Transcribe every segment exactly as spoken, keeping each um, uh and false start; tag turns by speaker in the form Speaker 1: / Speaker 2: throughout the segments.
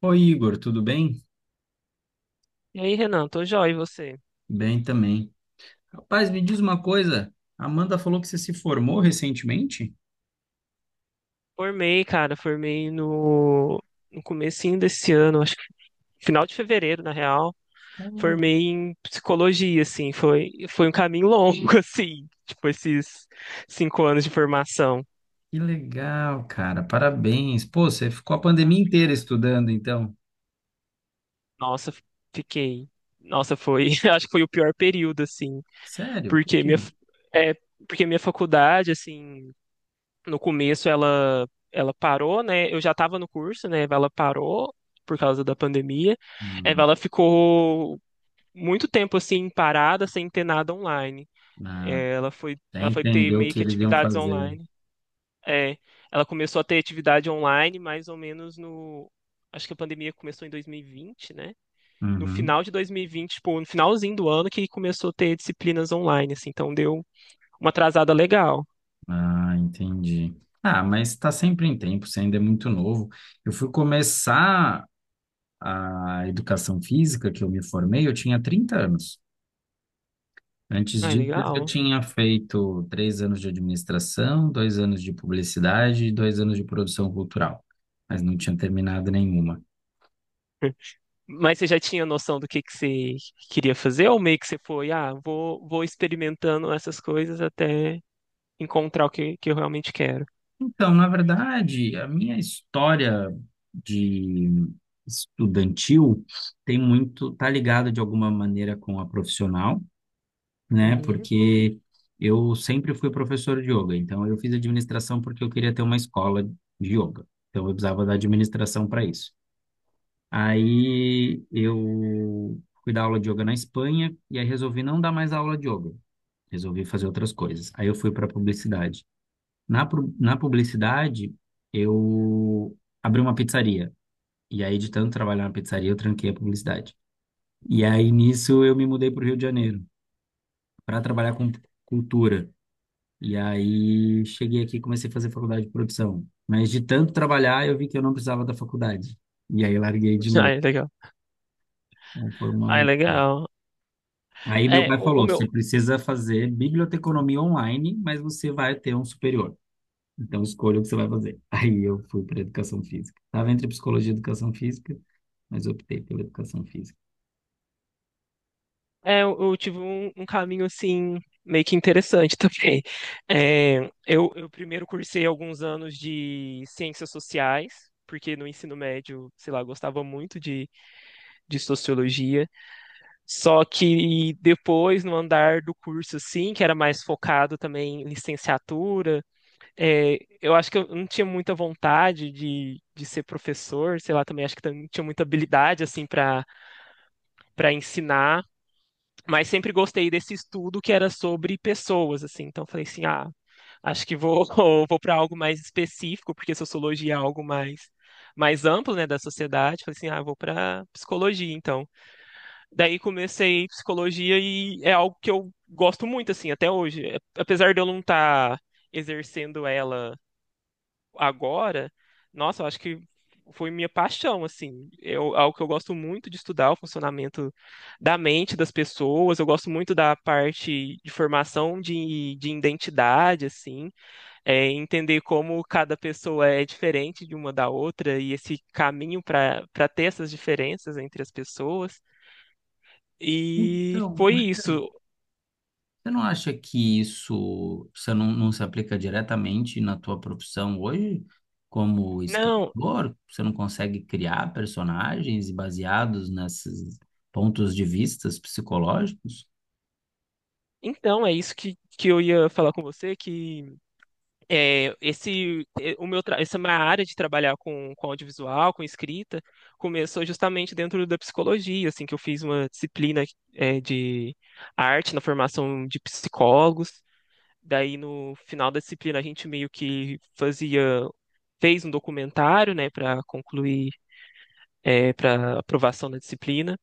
Speaker 1: Oi, Igor, tudo bem?
Speaker 2: E aí, Renan, tô joia, e você?
Speaker 1: Bem também. Rapaz, me diz uma coisa. A Amanda falou que você se formou recentemente?
Speaker 2: Formei, cara, formei no, no comecinho desse ano, acho que final de fevereiro, na real.
Speaker 1: Oh,
Speaker 2: Formei em psicologia, assim, foi, foi um caminho longo, assim, tipo, esses cinco anos de formação.
Speaker 1: que legal, cara. Parabéns. Pô, você ficou a pandemia inteira estudando, então.
Speaker 2: Nossa, fiquei. Nossa, foi, acho que foi o pior período, assim,
Speaker 1: Sério? Por
Speaker 2: porque
Speaker 1: quê?
Speaker 2: minha, f- é, porque minha faculdade, assim. No começo ela ela parou, né? Eu já estava no curso, né? Ela parou por causa da pandemia. Eh,
Speaker 1: Hum,
Speaker 2: Ela ficou muito tempo assim parada, sem ter nada online.
Speaker 1: ah,
Speaker 2: Eh, Ela foi
Speaker 1: até
Speaker 2: ela foi ter
Speaker 1: entendeu o
Speaker 2: meio
Speaker 1: que
Speaker 2: que
Speaker 1: eles iam
Speaker 2: atividades
Speaker 1: fazer.
Speaker 2: online. É, ela começou a ter atividade online mais ou menos no... Acho que a pandemia começou em dois mil e vinte, né? No
Speaker 1: Uhum.
Speaker 2: final de dois mil e vinte, tipo, no finalzinho do ano que começou a ter disciplinas online, assim, então deu uma atrasada legal.
Speaker 1: Ah, entendi. Ah, mas está sempre em tempo, você ainda é muito novo. Eu fui começar a educação física, que eu me formei, eu tinha trinta anos. Antes
Speaker 2: Ai,
Speaker 1: disso, eu já
Speaker 2: legal.
Speaker 1: tinha feito três anos de administração, dois anos de publicidade e dois anos de produção cultural, mas não tinha terminado nenhuma.
Speaker 2: Mas você já tinha noção do que que você queria fazer ou meio que você foi, ah, vou, vou experimentando essas coisas até encontrar o que, que eu realmente quero?
Speaker 1: Então, na verdade, a minha história de estudantil tem muito, tá ligada de alguma maneira com a profissional, né?
Speaker 2: Uhum.
Speaker 1: Porque eu sempre fui professor de yoga, então eu fiz administração porque eu queria ter uma escola de yoga. Então, eu precisava da administração para isso. Aí eu fui dar aula de yoga na Espanha e aí resolvi não dar mais aula de yoga. Resolvi fazer outras coisas. Aí eu fui para publicidade. Na, pu- na publicidade, eu abri uma pizzaria. E aí, de tanto trabalhar na pizzaria, eu tranquei a publicidade. E aí, nisso, eu me mudei para o Rio de Janeiro para trabalhar com cultura. E aí, cheguei aqui e comecei a fazer faculdade de produção. Mas de tanto trabalhar, eu vi que eu não precisava da faculdade. E aí, larguei de
Speaker 2: Ah,
Speaker 1: novo.
Speaker 2: é legal.
Speaker 1: Então, foi uma
Speaker 2: Ah, é legal.
Speaker 1: aí meu
Speaker 2: É,
Speaker 1: pai
Speaker 2: o, o
Speaker 1: falou, você
Speaker 2: meu,
Speaker 1: precisa fazer biblioteconomia online, mas você vai ter um superior. Então escolha o que você vai fazer. Aí eu fui para educação física. Estava entre psicologia e educação física, mas optei pela educação física.
Speaker 2: é, eu eu tive um, um caminho assim meio que interessante também. É, eu, eu primeiro cursei alguns anos de ciências sociais, porque no ensino médio, sei lá, eu gostava muito de, de sociologia. Só que depois, no andar do curso, assim, que era mais focado também em licenciatura, é, eu acho que eu não tinha muita vontade de, de ser professor, sei lá, também acho que também não tinha muita habilidade, assim, para para ensinar, mas sempre gostei desse estudo que era sobre pessoas, assim, então eu falei assim, ah, acho que vou, vou para algo mais específico, porque sociologia é algo mais, mais amplo, né, da sociedade, falei assim, ah, vou para psicologia, então. Daí comecei psicologia e é algo que eu gosto muito, assim, até hoje. É- Apesar de eu não estar exercendo ela agora, nossa, eu acho que foi minha paixão, assim. Eu, algo que eu gosto muito de estudar, o funcionamento da mente das pessoas. Eu gosto muito da parte de formação de, de identidade, assim. É, entender como cada pessoa é diferente de uma da outra e esse caminho para para ter essas diferenças entre as pessoas. E
Speaker 1: Então,
Speaker 2: foi
Speaker 1: Marcelo,
Speaker 2: isso.
Speaker 1: você não acha que isso, você não, não se aplica diretamente na tua profissão hoje? Como
Speaker 2: Não,
Speaker 1: escritor, você não consegue criar personagens baseados nesses pontos de vistas psicológicos?
Speaker 2: então é isso que, que eu ia falar com você, que é, esse é, o meu tra- essa minha área de trabalhar com, com audiovisual, com escrita, começou justamente dentro da psicologia, assim, que eu fiz uma disciplina é, de arte na formação de psicólogos. Daí no final da disciplina a gente meio que fazia fez um documentário, né, para concluir, para aprovação da disciplina.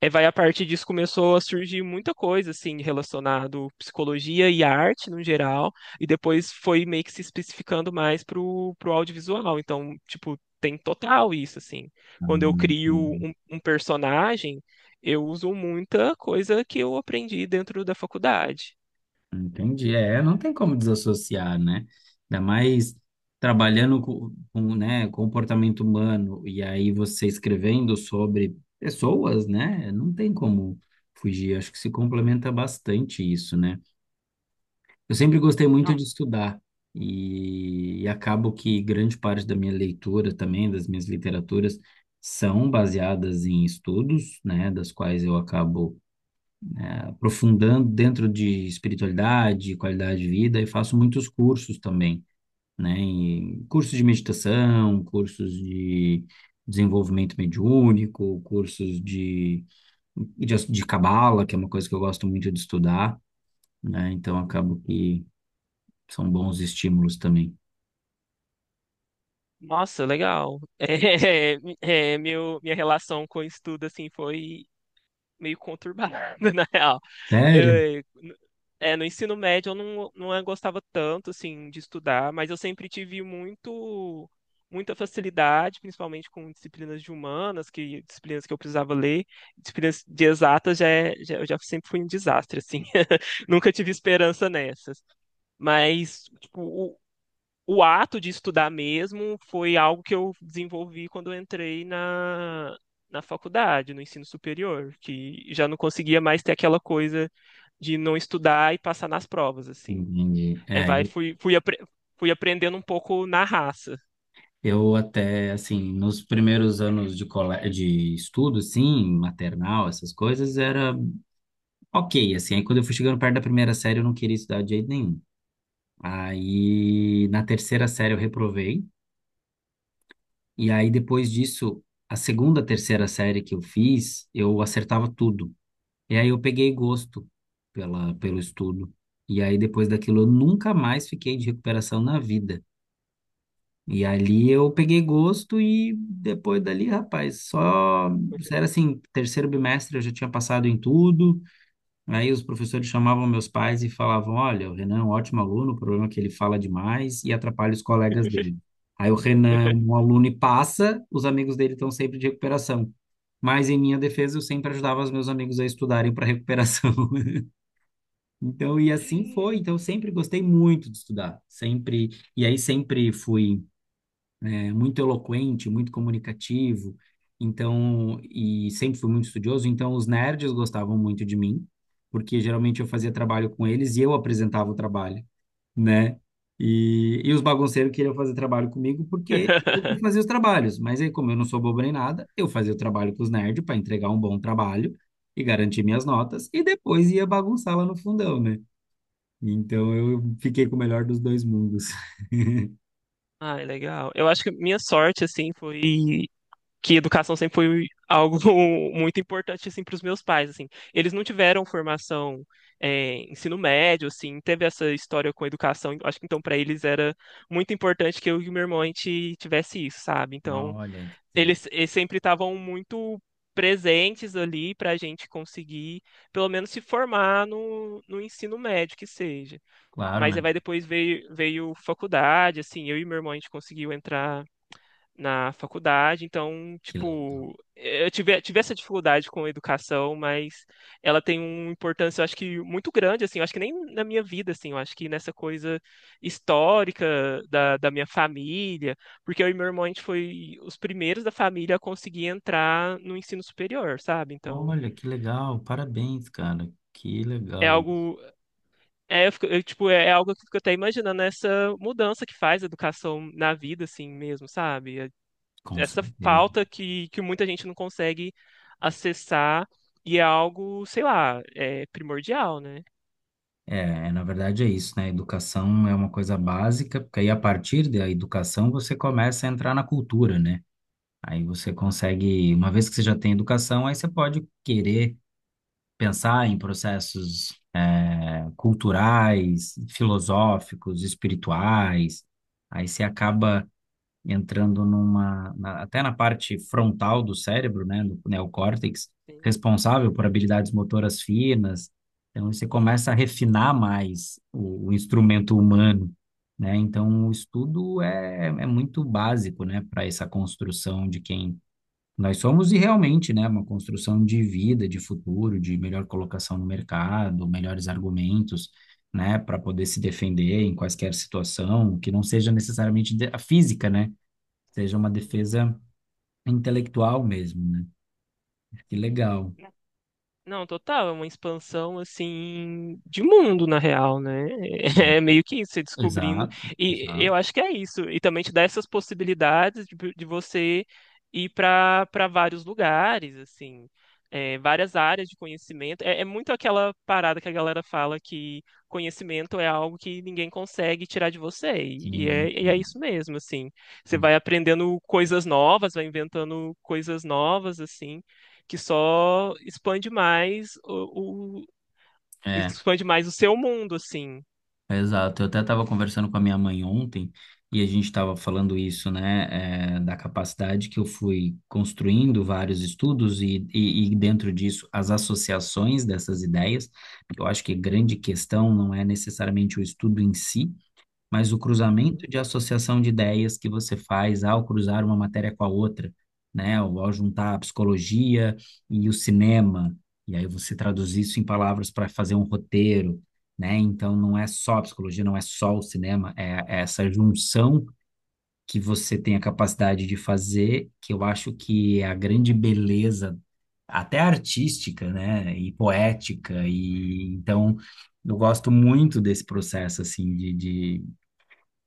Speaker 2: É, vai, a partir disso começou a surgir muita coisa assim relacionado psicologia e arte no geral, e depois foi meio que se especificando mais pro pro audiovisual. Então, tipo, tem total isso assim.
Speaker 1: Ah,
Speaker 2: Quando eu crio um, um personagem, eu uso muita coisa que eu aprendi dentro da faculdade.
Speaker 1: entendi. É, não tem como desassociar, né? Ainda mais trabalhando com, com, né, comportamento humano e aí você escrevendo sobre pessoas, né? Não tem como fugir. Acho que se complementa bastante isso, né? Eu sempre gostei muito de
Speaker 2: Não,
Speaker 1: estudar e, e acabo que grande parte da minha leitura também, das minhas literaturas, são baseadas em estudos, né? Das quais eu acabo aprofundando dentro de espiritualidade, qualidade de vida e faço muitos cursos também, né? E cursos de meditação, cursos de desenvolvimento mediúnico, cursos de de, de cabala, que é uma coisa que eu gosto muito de estudar, né? Então acabo que são bons estímulos também.
Speaker 2: nossa, legal. É, é, meu, minha relação com o estudo assim foi meio conturbada, na real.
Speaker 1: Sério?
Speaker 2: Eu- é, no ensino médio eu não, não gostava tanto, assim, de estudar, mas eu sempre tive muito, muita facilidade, principalmente com disciplinas de humanas, que disciplinas que eu precisava ler. Disciplinas de exatas já, é- já, eu já sempre fui um desastre, assim. Nunca tive esperança nessas. Mas, tipo, o ato de estudar mesmo foi algo que eu desenvolvi quando eu entrei na, na faculdade, no ensino superior, que já não conseguia mais ter aquela coisa de não estudar e passar nas provas, assim.
Speaker 1: Entendi.
Speaker 2: É,
Speaker 1: É,
Speaker 2: vai, fui, fui, apre- fui aprendendo um pouco na raça.
Speaker 1: eu até, assim, nos primeiros anos de, cole... de estudo, assim, maternal, essas coisas, era ok, assim. Aí quando eu fui chegando perto da primeira série, eu não queria estudar de jeito nenhum. Aí, na terceira série, eu reprovei. E aí, depois disso, a segunda, terceira série que eu fiz, eu acertava tudo. E aí, eu peguei gosto pela, pelo estudo. E aí, depois daquilo, eu nunca mais fiquei de recuperação na vida. E ali, eu peguei gosto e depois dali, rapaz, só... Era assim, terceiro bimestre, eu já tinha passado em tudo. Aí os professores chamavam meus pais e falavam: Olha, o Renan é um ótimo aluno, o problema é que ele fala demais e atrapalha os colegas dele. Aí o Renan é um aluno e passa, os amigos dele estão sempre de recuperação. Mas em minha defesa, eu sempre ajudava os meus amigos a estudarem para recuperação. Então, e assim foi. Então, eu sempre gostei muito de estudar, sempre. E aí sempre fui é, muito eloquente, muito comunicativo, então, e sempre fui muito estudioso, então os nerds gostavam muito de mim, porque geralmente eu fazia
Speaker 2: Uhum.
Speaker 1: trabalho com eles e eu apresentava o trabalho, né? E, e os bagunceiros queriam fazer trabalho comigo porque eu que fazia os trabalhos, mas aí, como eu não sou bobo nem nada, eu fazia o trabalho com os nerds para entregar um bom trabalho e garantir minhas notas, e depois ia bagunçar lá no fundão, né? Então eu fiquei com o melhor dos dois mundos.
Speaker 2: Ai, legal. Eu acho que minha sorte, assim, foi que educação sempre foi algo muito importante, assim, para os meus pais, assim. Eles não tiveram formação, é, ensino médio, assim, teve essa história com a educação. Eu acho que, então, para eles era muito importante que eu e o meu irmão, a gente tivesse isso, sabe? Então,
Speaker 1: Olha, inter-
Speaker 2: eles, eles sempre estavam muito presentes ali para a gente conseguir, pelo menos, se formar no, no ensino médio, que seja.
Speaker 1: claro,
Speaker 2: Mas
Speaker 1: né?
Speaker 2: aí vai, depois veio, veio faculdade, assim, eu e meu irmão a gente conseguiu entrar na faculdade, então,
Speaker 1: Que legal.
Speaker 2: tipo, eh, eu tive, tive essa dificuldade com a educação, mas ela tem uma importância, eu acho que muito grande, assim, eu acho que nem na minha vida, assim, eu acho que nessa coisa histórica da, da minha família, porque eu e meu irmão, a gente foi os primeiros da família a conseguir entrar no ensino superior, sabe? Então,
Speaker 1: Olha, que legal, parabéns, cara. Que
Speaker 2: é
Speaker 1: legal, isso.
Speaker 2: algo, é, eu fico- eu, tipo, é é algo que eu fico até imaginando essa mudança que faz a educação na vida, assim mesmo, sabe? É-
Speaker 1: Com
Speaker 2: Essa
Speaker 1: certeza.
Speaker 2: falta que, que muita gente não consegue acessar e é algo, sei lá, é primordial, né?
Speaker 1: É, é, na verdade é isso, né? Educação é uma coisa básica, porque aí a partir da educação você começa a entrar na cultura, né? Aí você consegue, uma vez que você já tem educação, aí você pode querer pensar em processos, é, culturais, filosóficos, espirituais. Aí você acaba entrando numa, na- até na parte frontal do cérebro, né, no neocórtex, responsável por habilidades motoras finas. Então, você começa a refinar mais o, o instrumento humano, né? Então, o estudo é, é muito básico, né, para essa construção de quem nós somos e realmente, né, uma construção de vida, de futuro, de melhor colocação no mercado, melhores argumentos, né, para poder se defender em quaisquer situação, que não seja necessariamente de- a física, né? Seja uma defesa intelectual mesmo, né? Que legal.
Speaker 2: Não, total, é uma expansão assim de mundo na real, né? É meio que isso, você descobrindo.
Speaker 1: Exato,
Speaker 2: E
Speaker 1: exato.
Speaker 2: eu acho que é isso. E também te dá essas possibilidades de, de você ir para para vários lugares, assim, é, várias áreas de conhecimento. É, é muito aquela parada que a galera fala que conhecimento é algo que ninguém consegue tirar de você.
Speaker 1: Que
Speaker 2: E e
Speaker 1: ninguém
Speaker 2: é, e é
Speaker 1: tira.
Speaker 2: isso mesmo, assim. Você vai aprendendo coisas novas, vai inventando coisas novas, assim, que só expande mais o, o-
Speaker 1: É,
Speaker 2: expande mais o seu mundo, assim.
Speaker 1: exato. Eu até estava conversando com a minha mãe ontem e a gente estava falando isso, né, é, da capacidade que eu fui construindo vários estudos e, e, e dentro disso as associações dessas ideias. Eu acho que a grande questão não é necessariamente o estudo em si, mas o cruzamento
Speaker 2: Uhum.
Speaker 1: de associação de ideias que você faz ao cruzar uma matéria com a outra, né? Ou ao juntar a psicologia e o cinema, e aí você traduz isso em palavras para fazer um roteiro, né? Então não é só a psicologia, não é só o cinema, é, é essa junção que você tem a capacidade de fazer, que eu acho que é a grande beleza, até artística, né? E poética, e então eu gosto muito desse processo assim de, de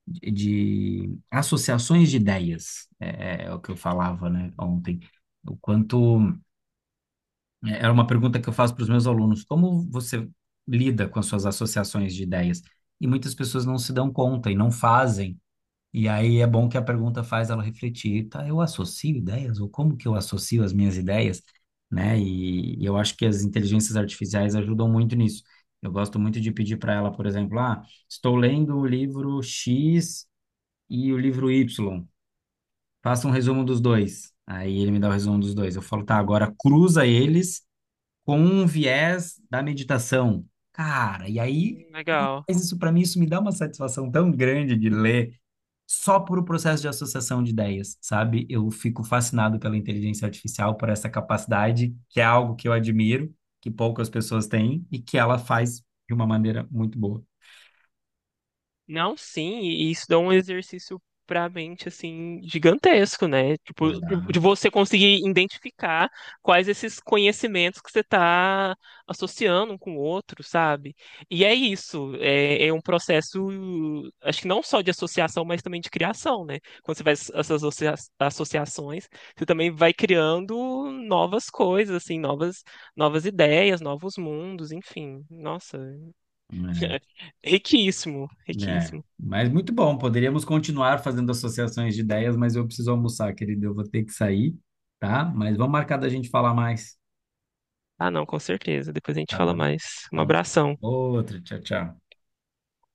Speaker 1: de, de associações de ideias, é, é é o que eu falava, né, ontem. O quanto é, era uma pergunta que eu faço para os meus alunos, como você lida com as suas associações de ideias? E muitas pessoas não se dão conta e não fazem. E aí é bom que a pergunta faz ela refletir, tá, eu associo ideias ou como que eu associo as minhas ideias, né? E, e eu acho que as inteligências artificiais ajudam muito nisso. Eu gosto muito de pedir para ela, por exemplo, ah, estou lendo o livro X e o livro Y. Faça um resumo dos dois. Aí ele me dá o resumo dos dois. Eu falo, tá, agora cruza eles com um viés da meditação. Cara, e aí,
Speaker 2: Legal.
Speaker 1: mas isso para mim, isso me dá uma satisfação tão grande de ler só por o processo de associação de ideias, sabe? Eu fico fascinado pela inteligência artificial, por essa capacidade, que é algo que eu admiro, que poucas pessoas têm e que ela faz de uma maneira muito boa.
Speaker 2: Não, sim, e isso dá um exercício pra mente, assim, gigantesco, né? Tipo, de, de
Speaker 1: Exato.
Speaker 2: você conseguir identificar quais esses conhecimentos que você está associando um com o outro, sabe? E é isso, é, é um processo, acho que não só de associação, mas também de criação, né? Quando você faz essas associa- associações, você também vai criando novas coisas, assim, novas, novas ideias, novos mundos, enfim. Nossa, riquíssimo,
Speaker 1: É,
Speaker 2: riquíssimo.
Speaker 1: mas muito bom. Poderíamos continuar fazendo associações de ideias, mas eu preciso almoçar, querido. Eu vou ter que sair, tá? Mas vamos marcar da gente falar mais.
Speaker 2: Ah, não, com certeza. Depois a gente
Speaker 1: Tá
Speaker 2: fala
Speaker 1: bom?
Speaker 2: mais. Um
Speaker 1: Então,
Speaker 2: abração.
Speaker 1: outra. Tchau, tchau.